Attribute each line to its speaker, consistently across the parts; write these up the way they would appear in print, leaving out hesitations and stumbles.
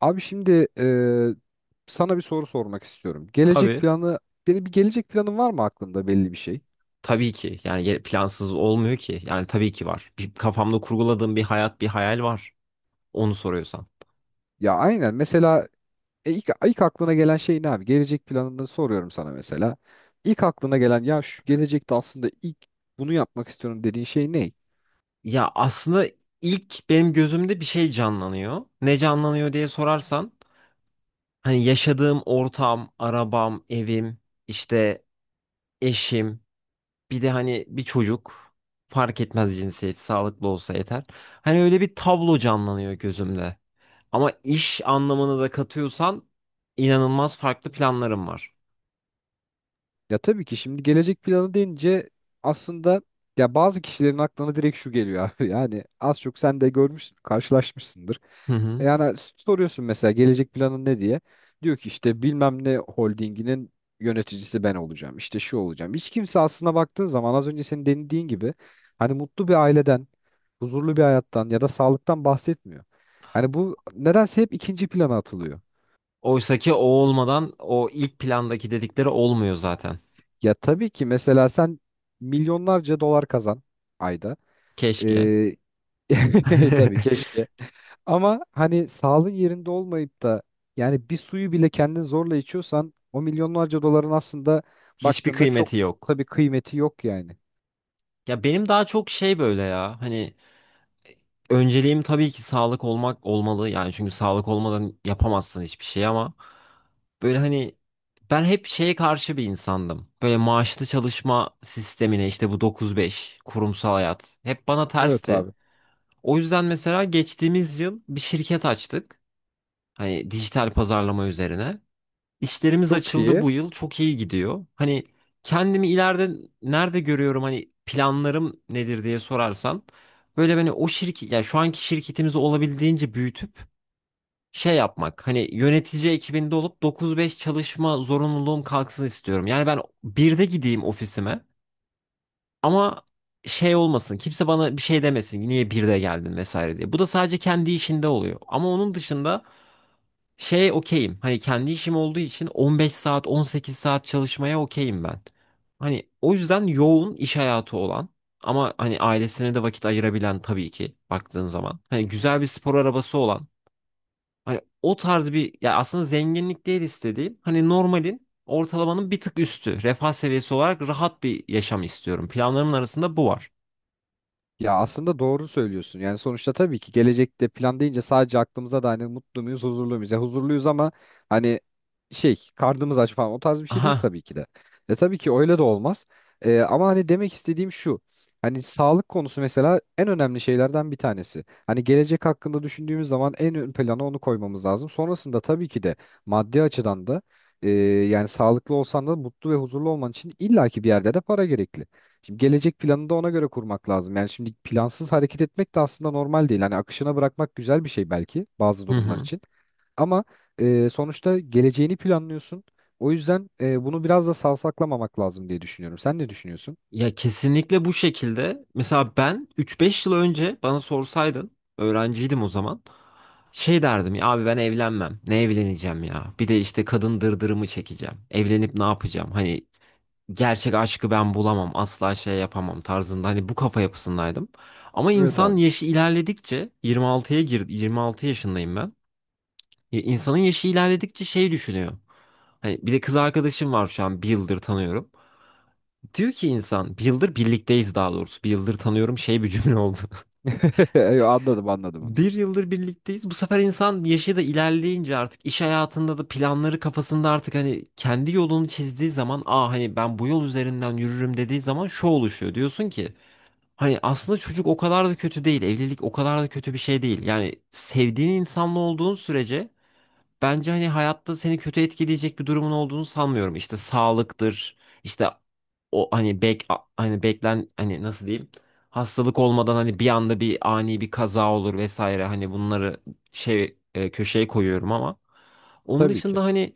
Speaker 1: Abi şimdi sana bir soru sormak istiyorum. Gelecek
Speaker 2: Tabii.
Speaker 1: planı, bir gelecek planın var mı aklında belli bir şey?
Speaker 2: Tabii ki. Yani plansız olmuyor ki. Yani tabii ki var. Bir, kafamda kurguladığım bir hayat, bir hayal var. Onu soruyorsan.
Speaker 1: Ya aynen mesela ilk aklına gelen şey ne abi? Gelecek planını soruyorum sana mesela. İlk aklına gelen ya şu gelecekte aslında ilk bunu yapmak istiyorum dediğin şey ne?
Speaker 2: Ya aslında ilk benim gözümde bir şey canlanıyor. Ne canlanıyor diye sorarsan, hani yaşadığım ortam, arabam, evim, işte eşim, bir de hani bir çocuk fark etmez cinsiyet, sağlıklı olsa yeter. Hani öyle bir tablo canlanıyor gözümde. Ama iş anlamını da katıyorsan inanılmaz farklı planlarım var.
Speaker 1: Ya tabii ki şimdi gelecek planı deyince aslında ya bazı kişilerin aklına direkt şu geliyor abi. Yani az çok sen de görmüşsün, karşılaşmışsındır.
Speaker 2: Hı hı.
Speaker 1: Yani soruyorsun mesela gelecek planın ne diye. Diyor ki işte bilmem ne holdinginin yöneticisi ben olacağım. İşte şu olacağım. Hiç kimse aslına baktığın zaman az önce senin denediğin gibi hani mutlu bir aileden, huzurlu bir hayattan ya da sağlıktan bahsetmiyor. Hani bu nedense hep ikinci plana atılıyor.
Speaker 2: Oysaki o olmadan o ilk plandaki dedikleri olmuyor zaten.
Speaker 1: Ya tabii ki mesela sen milyonlarca dolar kazan ayda.
Speaker 2: Keşke.
Speaker 1: Ee, tabii keşke. Ama hani sağlığın yerinde olmayıp da yani bir suyu bile kendin zorla içiyorsan o milyonlarca doların aslında
Speaker 2: Hiçbir
Speaker 1: baktığında çok
Speaker 2: kıymeti yok.
Speaker 1: tabii kıymeti yok yani.
Speaker 2: Ya benim daha çok şey böyle ya. Hani önceliğim tabii ki sağlık olmak olmalı. Yani çünkü sağlık olmadan yapamazsın hiçbir şey ama böyle hani ben hep şeye karşı bir insandım. Böyle maaşlı çalışma sistemine işte bu 9-5 kurumsal hayat hep bana
Speaker 1: Evet
Speaker 2: tersti.
Speaker 1: abi.
Speaker 2: O yüzden mesela geçtiğimiz yıl bir şirket açtık. Hani dijital pazarlama üzerine. İşlerimiz
Speaker 1: Çok
Speaker 2: açıldı
Speaker 1: iyi.
Speaker 2: bu yıl. Çok iyi gidiyor. Hani kendimi ileride nerede görüyorum hani planlarım nedir diye sorarsan böyle beni o şirket yani şu anki şirketimizi olabildiğince büyütüp şey yapmak. Hani yönetici ekibinde olup 9-5 çalışma zorunluluğum kalksın istiyorum. Yani ben birde gideyim ofisime ama şey olmasın. Kimse bana bir şey demesin. Niye birde geldin vesaire diye. Bu da sadece kendi işinde oluyor. Ama onun dışında şeye okeyim. Hani kendi işim olduğu için 15 saat, 18 saat çalışmaya okeyim ben. Hani o yüzden yoğun iş hayatı olan ama hani ailesine de vakit ayırabilen tabii ki baktığın zaman. Hani güzel bir spor arabası olan. Hani o tarz bir ya aslında zenginlik değil istediğim. Hani normalin ortalamanın bir tık üstü. Refah seviyesi olarak rahat bir yaşam istiyorum. Planlarımın arasında bu var.
Speaker 1: Ya aslında doğru söylüyorsun. Yani sonuçta tabii ki gelecekte plan deyince sadece aklımıza da hani mutlu muyuz, huzurlu muyuz? Ya huzurluyuz ama hani şey karnımız aç falan o tarz bir şey değil
Speaker 2: Aha.
Speaker 1: tabii ki de. E tabii ki öyle de olmaz. Ama hani demek istediğim şu. Hani sağlık konusu mesela en önemli şeylerden bir tanesi. Hani gelecek hakkında düşündüğümüz zaman en ön plana onu koymamız lazım. Sonrasında tabii ki de maddi açıdan da yani sağlıklı olsan da mutlu ve huzurlu olman için illaki bir yerde de para gerekli. Şimdi gelecek planını da ona göre kurmak lazım. Yani şimdi plansız hareket etmek de aslında normal değil. Hani akışına bırakmak güzel bir şey belki bazı durumlar için. Ama sonuçta geleceğini planlıyorsun. O yüzden bunu biraz da savsaklamamak lazım diye düşünüyorum. Sen ne düşünüyorsun?
Speaker 2: Ya kesinlikle bu şekilde. Mesela ben 3-5 yıl önce bana sorsaydın, öğrenciydim o zaman. Şey derdim ya abi ben evlenmem. Ne evleneceğim ya? Bir de işte kadın dırdırımı çekeceğim. Evlenip ne yapacağım? Hani gerçek aşkı ben bulamam. Asla şey yapamam tarzında. Hani bu kafa yapısındaydım. Ama
Speaker 1: Evet
Speaker 2: insan
Speaker 1: abi.
Speaker 2: yaşı ilerledikçe 26'ya girdi. 26 yaşındayım ben. Ya İnsanın yaşı ilerledikçe şey düşünüyor. Hani bir de kız arkadaşım var şu an bir yıldır tanıyorum. Diyor ki insan bir yıldır birlikteyiz daha doğrusu. Bir yıldır tanıyorum şey bir cümle oldu.
Speaker 1: Yo, anladım anladım onu.
Speaker 2: Bir yıldır birlikteyiz. Bu sefer insan yaşı da ilerleyince artık iş hayatında da planları kafasında artık hani kendi yolunu çizdiği zaman aa hani ben bu yol üzerinden yürürüm dediği zaman şu oluşuyor. Diyorsun ki hani aslında çocuk o kadar da kötü değil. Evlilik o kadar da kötü bir şey değil. Yani sevdiğin insanla olduğun sürece bence hani hayatta seni kötü etkileyecek bir durumun olduğunu sanmıyorum. İşte sağlıktır, işte o hani bek a- hani beklen hani nasıl diyeyim? Hastalık olmadan hani bir anda bir ani bir kaza olur vesaire. Hani bunları şey köşeye koyuyorum ama onun
Speaker 1: Tabii ki.
Speaker 2: dışında hani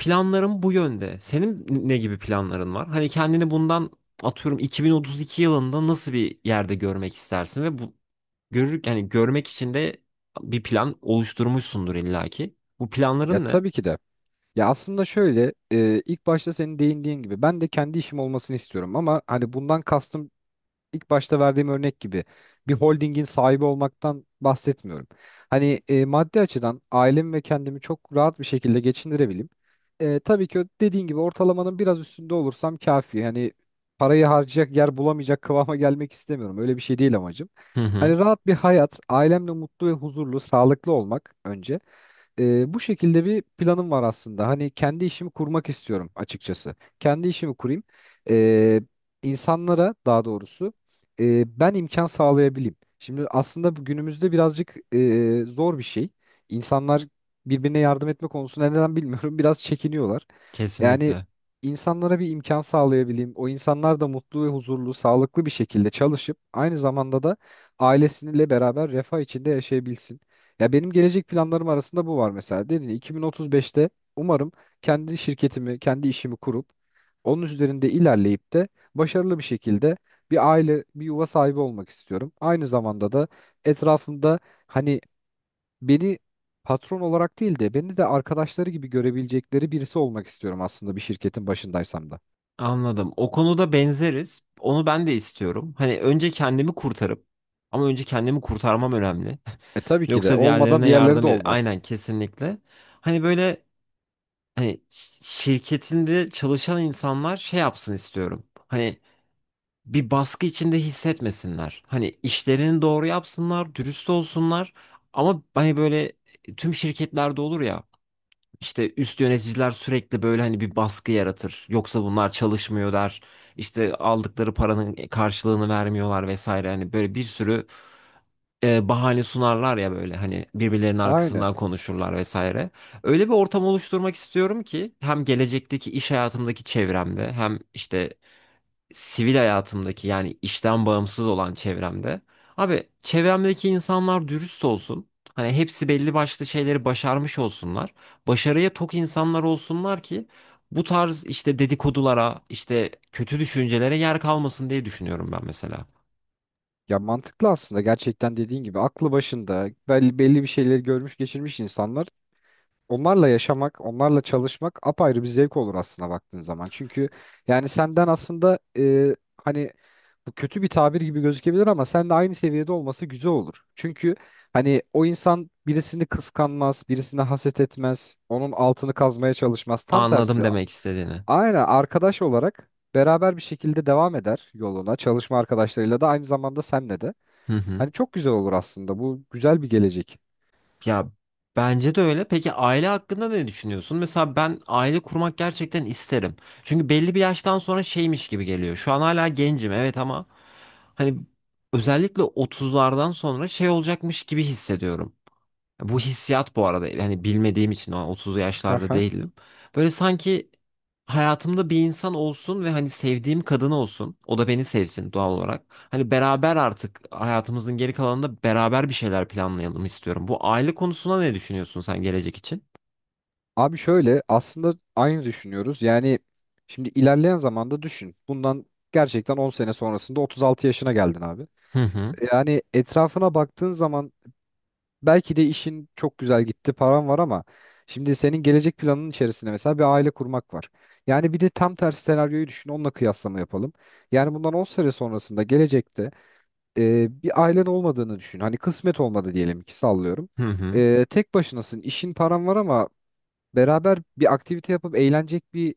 Speaker 2: planlarım bu yönde. Senin ne gibi planların var? Hani kendini bundan atıyorum 2032 yılında nasıl bir yerde görmek istersin ve bu görür yani görmek için de bir plan oluşturmuşsundur illaki. Bu
Speaker 1: Ya
Speaker 2: planların ne?
Speaker 1: tabii ki de. Ya aslında şöyle ilk başta senin değindiğin gibi ben de kendi işim olmasını istiyorum ama hani bundan kastım ilk başta verdiğim örnek gibi bir holdingin sahibi olmaktan bahsetmiyorum. Hani maddi açıdan ailemi ve kendimi çok rahat bir şekilde geçindirebileyim. Tabii ki dediğin gibi ortalamanın biraz üstünde olursam kafi. Yani parayı harcayacak yer bulamayacak kıvama gelmek istemiyorum. Öyle bir şey değil amacım.
Speaker 2: Hı hı,
Speaker 1: Hani rahat bir hayat, ailemle mutlu ve huzurlu, sağlıklı olmak önce. Bu şekilde bir planım var aslında. Hani kendi işimi kurmak istiyorum açıkçası. Kendi işimi kurayım. E, insanlara daha doğrusu ben imkan sağlayabileyim. Şimdi aslında bu günümüzde birazcık zor bir şey. İnsanlar birbirine yardım etme konusunda neden bilmiyorum biraz çekiniyorlar. Yani
Speaker 2: kesinlikle.
Speaker 1: insanlara bir imkan sağlayabileyim. O insanlar da mutlu ve huzurlu, sağlıklı bir şekilde çalışıp aynı zamanda da ailesiyle beraber refah içinde yaşayabilsin. Ya benim gelecek planlarım arasında bu var mesela. Dedin ya, 2035'te umarım kendi şirketimi, kendi işimi kurup onun üzerinde ilerleyip de başarılı bir şekilde bir aile, bir yuva sahibi olmak istiyorum. Aynı zamanda da etrafımda hani beni patron olarak değil de beni de arkadaşları gibi görebilecekleri birisi olmak istiyorum aslında bir şirketin başındaysam da.
Speaker 2: Anladım. O konuda benzeriz. Onu ben de istiyorum. Hani önce kendimi kurtarıp ama önce kendimi kurtarmam önemli.
Speaker 1: E tabii ki de
Speaker 2: Yoksa
Speaker 1: olmadan
Speaker 2: diğerlerine
Speaker 1: diğerleri de
Speaker 2: yardım et.
Speaker 1: olmaz.
Speaker 2: Aynen kesinlikle. Hani böyle hani şirketinde çalışan insanlar şey yapsın istiyorum. Hani bir baskı içinde hissetmesinler. Hani işlerini doğru yapsınlar, dürüst olsunlar. Ama hani böyle tüm şirketlerde olur ya. İşte üst yöneticiler sürekli böyle hani bir baskı yaratır. Yoksa bunlar çalışmıyor der. İşte aldıkları paranın karşılığını vermiyorlar vesaire. Hani böyle bir sürü bahane sunarlar ya böyle hani birbirlerinin
Speaker 1: Aynen.
Speaker 2: arkasından konuşurlar vesaire. Öyle bir ortam oluşturmak istiyorum ki hem gelecekteki iş hayatımdaki çevremde hem işte sivil hayatımdaki yani işten bağımsız olan çevremde. Abi çevremdeki insanlar dürüst olsun. Hani hepsi belli başlı şeyleri başarmış olsunlar. Başarıya tok insanlar olsunlar ki bu tarz işte dedikodulara, işte kötü düşüncelere yer kalmasın diye düşünüyorum ben mesela.
Speaker 1: Ya mantıklı aslında gerçekten dediğin gibi aklı başında belli bir şeyleri görmüş geçirmiş insanlar onlarla yaşamak, onlarla çalışmak apayrı bir zevk olur aslında baktığın zaman. Çünkü yani senden aslında hani bu kötü bir tabir gibi gözükebilir ama sen de aynı seviyede olması güzel olur. Çünkü hani o insan birisini kıskanmaz, birisine haset etmez, onun altını kazmaya çalışmaz. Tam
Speaker 2: Anladım
Speaker 1: tersi.
Speaker 2: demek istediğini.
Speaker 1: Aynen arkadaş olarak beraber bir şekilde devam eder yoluna. Çalışma arkadaşlarıyla da aynı zamanda senle de.
Speaker 2: Hı hı.
Speaker 1: Hani çok güzel olur aslında. Bu güzel bir gelecek.
Speaker 2: Ya bence de öyle. Peki aile hakkında ne düşünüyorsun? Mesela ben aile kurmak gerçekten isterim. Çünkü belli bir yaştan sonra şeymiş gibi geliyor. Şu an hala gencim evet ama hani özellikle 30'lardan sonra şey olacakmış gibi hissediyorum. Bu hissiyat bu arada yani bilmediğim için o an 30'lu yaşlarda değilim. Böyle sanki hayatımda bir insan olsun ve hani sevdiğim kadın olsun. O da beni sevsin doğal olarak. Hani beraber artık hayatımızın geri kalanında beraber bir şeyler planlayalım istiyorum. Bu aile konusuna ne düşünüyorsun sen gelecek için?
Speaker 1: Abi şöyle aslında aynı düşünüyoruz. Yani şimdi ilerleyen zamanda düşün. Bundan gerçekten 10 sene sonrasında 36 yaşına geldin abi.
Speaker 2: Hı hı.
Speaker 1: Yani etrafına baktığın zaman belki de işin çok güzel gitti, paran var ama şimdi senin gelecek planının içerisinde mesela bir aile kurmak var. Yani bir de tam tersi senaryoyu düşün, onunla kıyaslama yapalım. Yani bundan 10 sene sonrasında gelecekte bir ailen olmadığını düşün. Hani kısmet olmadı diyelim ki sallıyorum.
Speaker 2: Hı hı.
Speaker 1: Tek başınasın, işin paran var ama beraber bir aktivite yapıp eğlenecek bir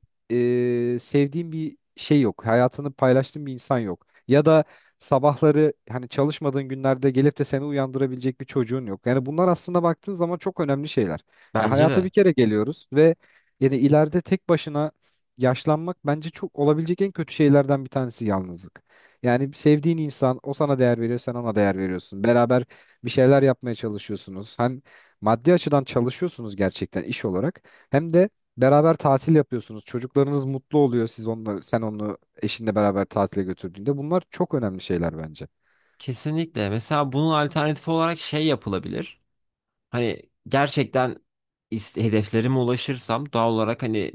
Speaker 1: sevdiğim bir şey yok. Hayatını paylaştığın bir insan yok. Ya da sabahları hani çalışmadığın günlerde gelip de seni uyandırabilecek bir çocuğun yok. Yani bunlar aslında baktığın zaman çok önemli şeyler. Ya
Speaker 2: Bence
Speaker 1: hayata bir
Speaker 2: de.
Speaker 1: kere geliyoruz ve yani ileride tek başına yaşlanmak bence çok olabilecek en kötü şeylerden bir tanesi yalnızlık. Yani sevdiğin insan o sana değer veriyor, sen ona değer veriyorsun. Beraber bir şeyler yapmaya çalışıyorsunuz. Hem maddi açıdan çalışıyorsunuz gerçekten iş olarak. Hem de beraber tatil yapıyorsunuz. Çocuklarınız mutlu oluyor siz onları, sen onu eşinle beraber tatile götürdüğünde. Bunlar çok önemli şeyler bence.
Speaker 2: Kesinlikle. Mesela bunun alternatifi olarak şey yapılabilir. Hani gerçekten hedeflerime ulaşırsam doğal olarak hani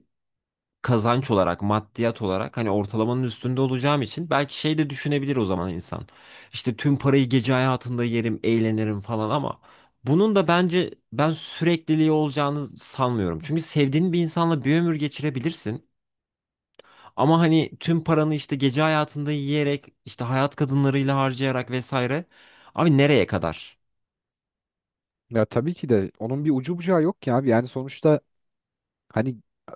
Speaker 2: kazanç olarak, maddiyat olarak hani ortalamanın üstünde olacağım için belki şey de düşünebilir o zaman insan. İşte tüm parayı gece hayatında yerim, eğlenirim falan ama bunun da bence ben sürekliliği olacağını sanmıyorum. Çünkü sevdiğin bir insanla bir ömür geçirebilirsin. Ama hani tüm paranı işte gece hayatında yiyerek, işte hayat kadınlarıyla harcayarak vesaire. Abi nereye kadar?
Speaker 1: Ya tabii ki de onun bir ucu bucağı yok ki abi. Yani sonuçta hani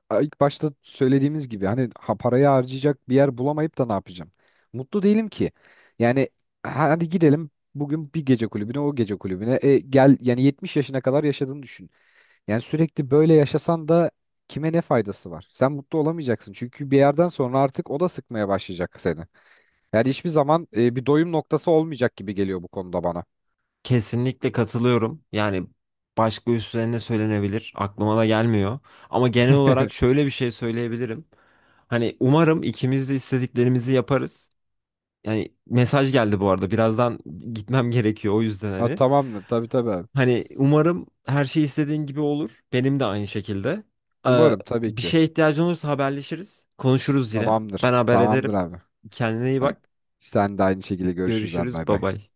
Speaker 1: ilk başta söylediğimiz gibi hani ha, parayı harcayacak bir yer bulamayıp da ne yapacağım? Mutlu değilim ki. Yani hadi gidelim bugün bir gece kulübüne o gece kulübüne. E, gel yani 70 yaşına kadar yaşadığını düşün. Yani sürekli böyle yaşasan da kime ne faydası var? Sen mutlu olamayacaksın. Çünkü bir yerden sonra artık o da sıkmaya başlayacak seni. Yani hiçbir zaman bir doyum noktası olmayacak gibi geliyor bu konuda bana.
Speaker 2: Kesinlikle katılıyorum. Yani başka üstlerine söylenebilir. Aklıma da gelmiyor. Ama genel olarak şöyle bir şey söyleyebilirim. Hani umarım ikimiz de istediklerimizi yaparız. Yani mesaj geldi bu arada. Birazdan gitmem gerekiyor o yüzden
Speaker 1: Ha,
Speaker 2: hani.
Speaker 1: tamamdır tabii tabii abi.
Speaker 2: Hani umarım her şey istediğin gibi olur. Benim de aynı şekilde. Ee,
Speaker 1: Umarım tabii
Speaker 2: bir
Speaker 1: ki.
Speaker 2: şeye ihtiyacın olursa haberleşiriz. Konuşuruz yine. Ben
Speaker 1: Tamamdır.
Speaker 2: haber ederim.
Speaker 1: Tamamdır abi.
Speaker 2: Kendine iyi
Speaker 1: Hadi,
Speaker 2: bak.
Speaker 1: sen de aynı şekilde görüşürüz abi
Speaker 2: Görüşürüz.
Speaker 1: bay
Speaker 2: Bay
Speaker 1: bay.
Speaker 2: bay.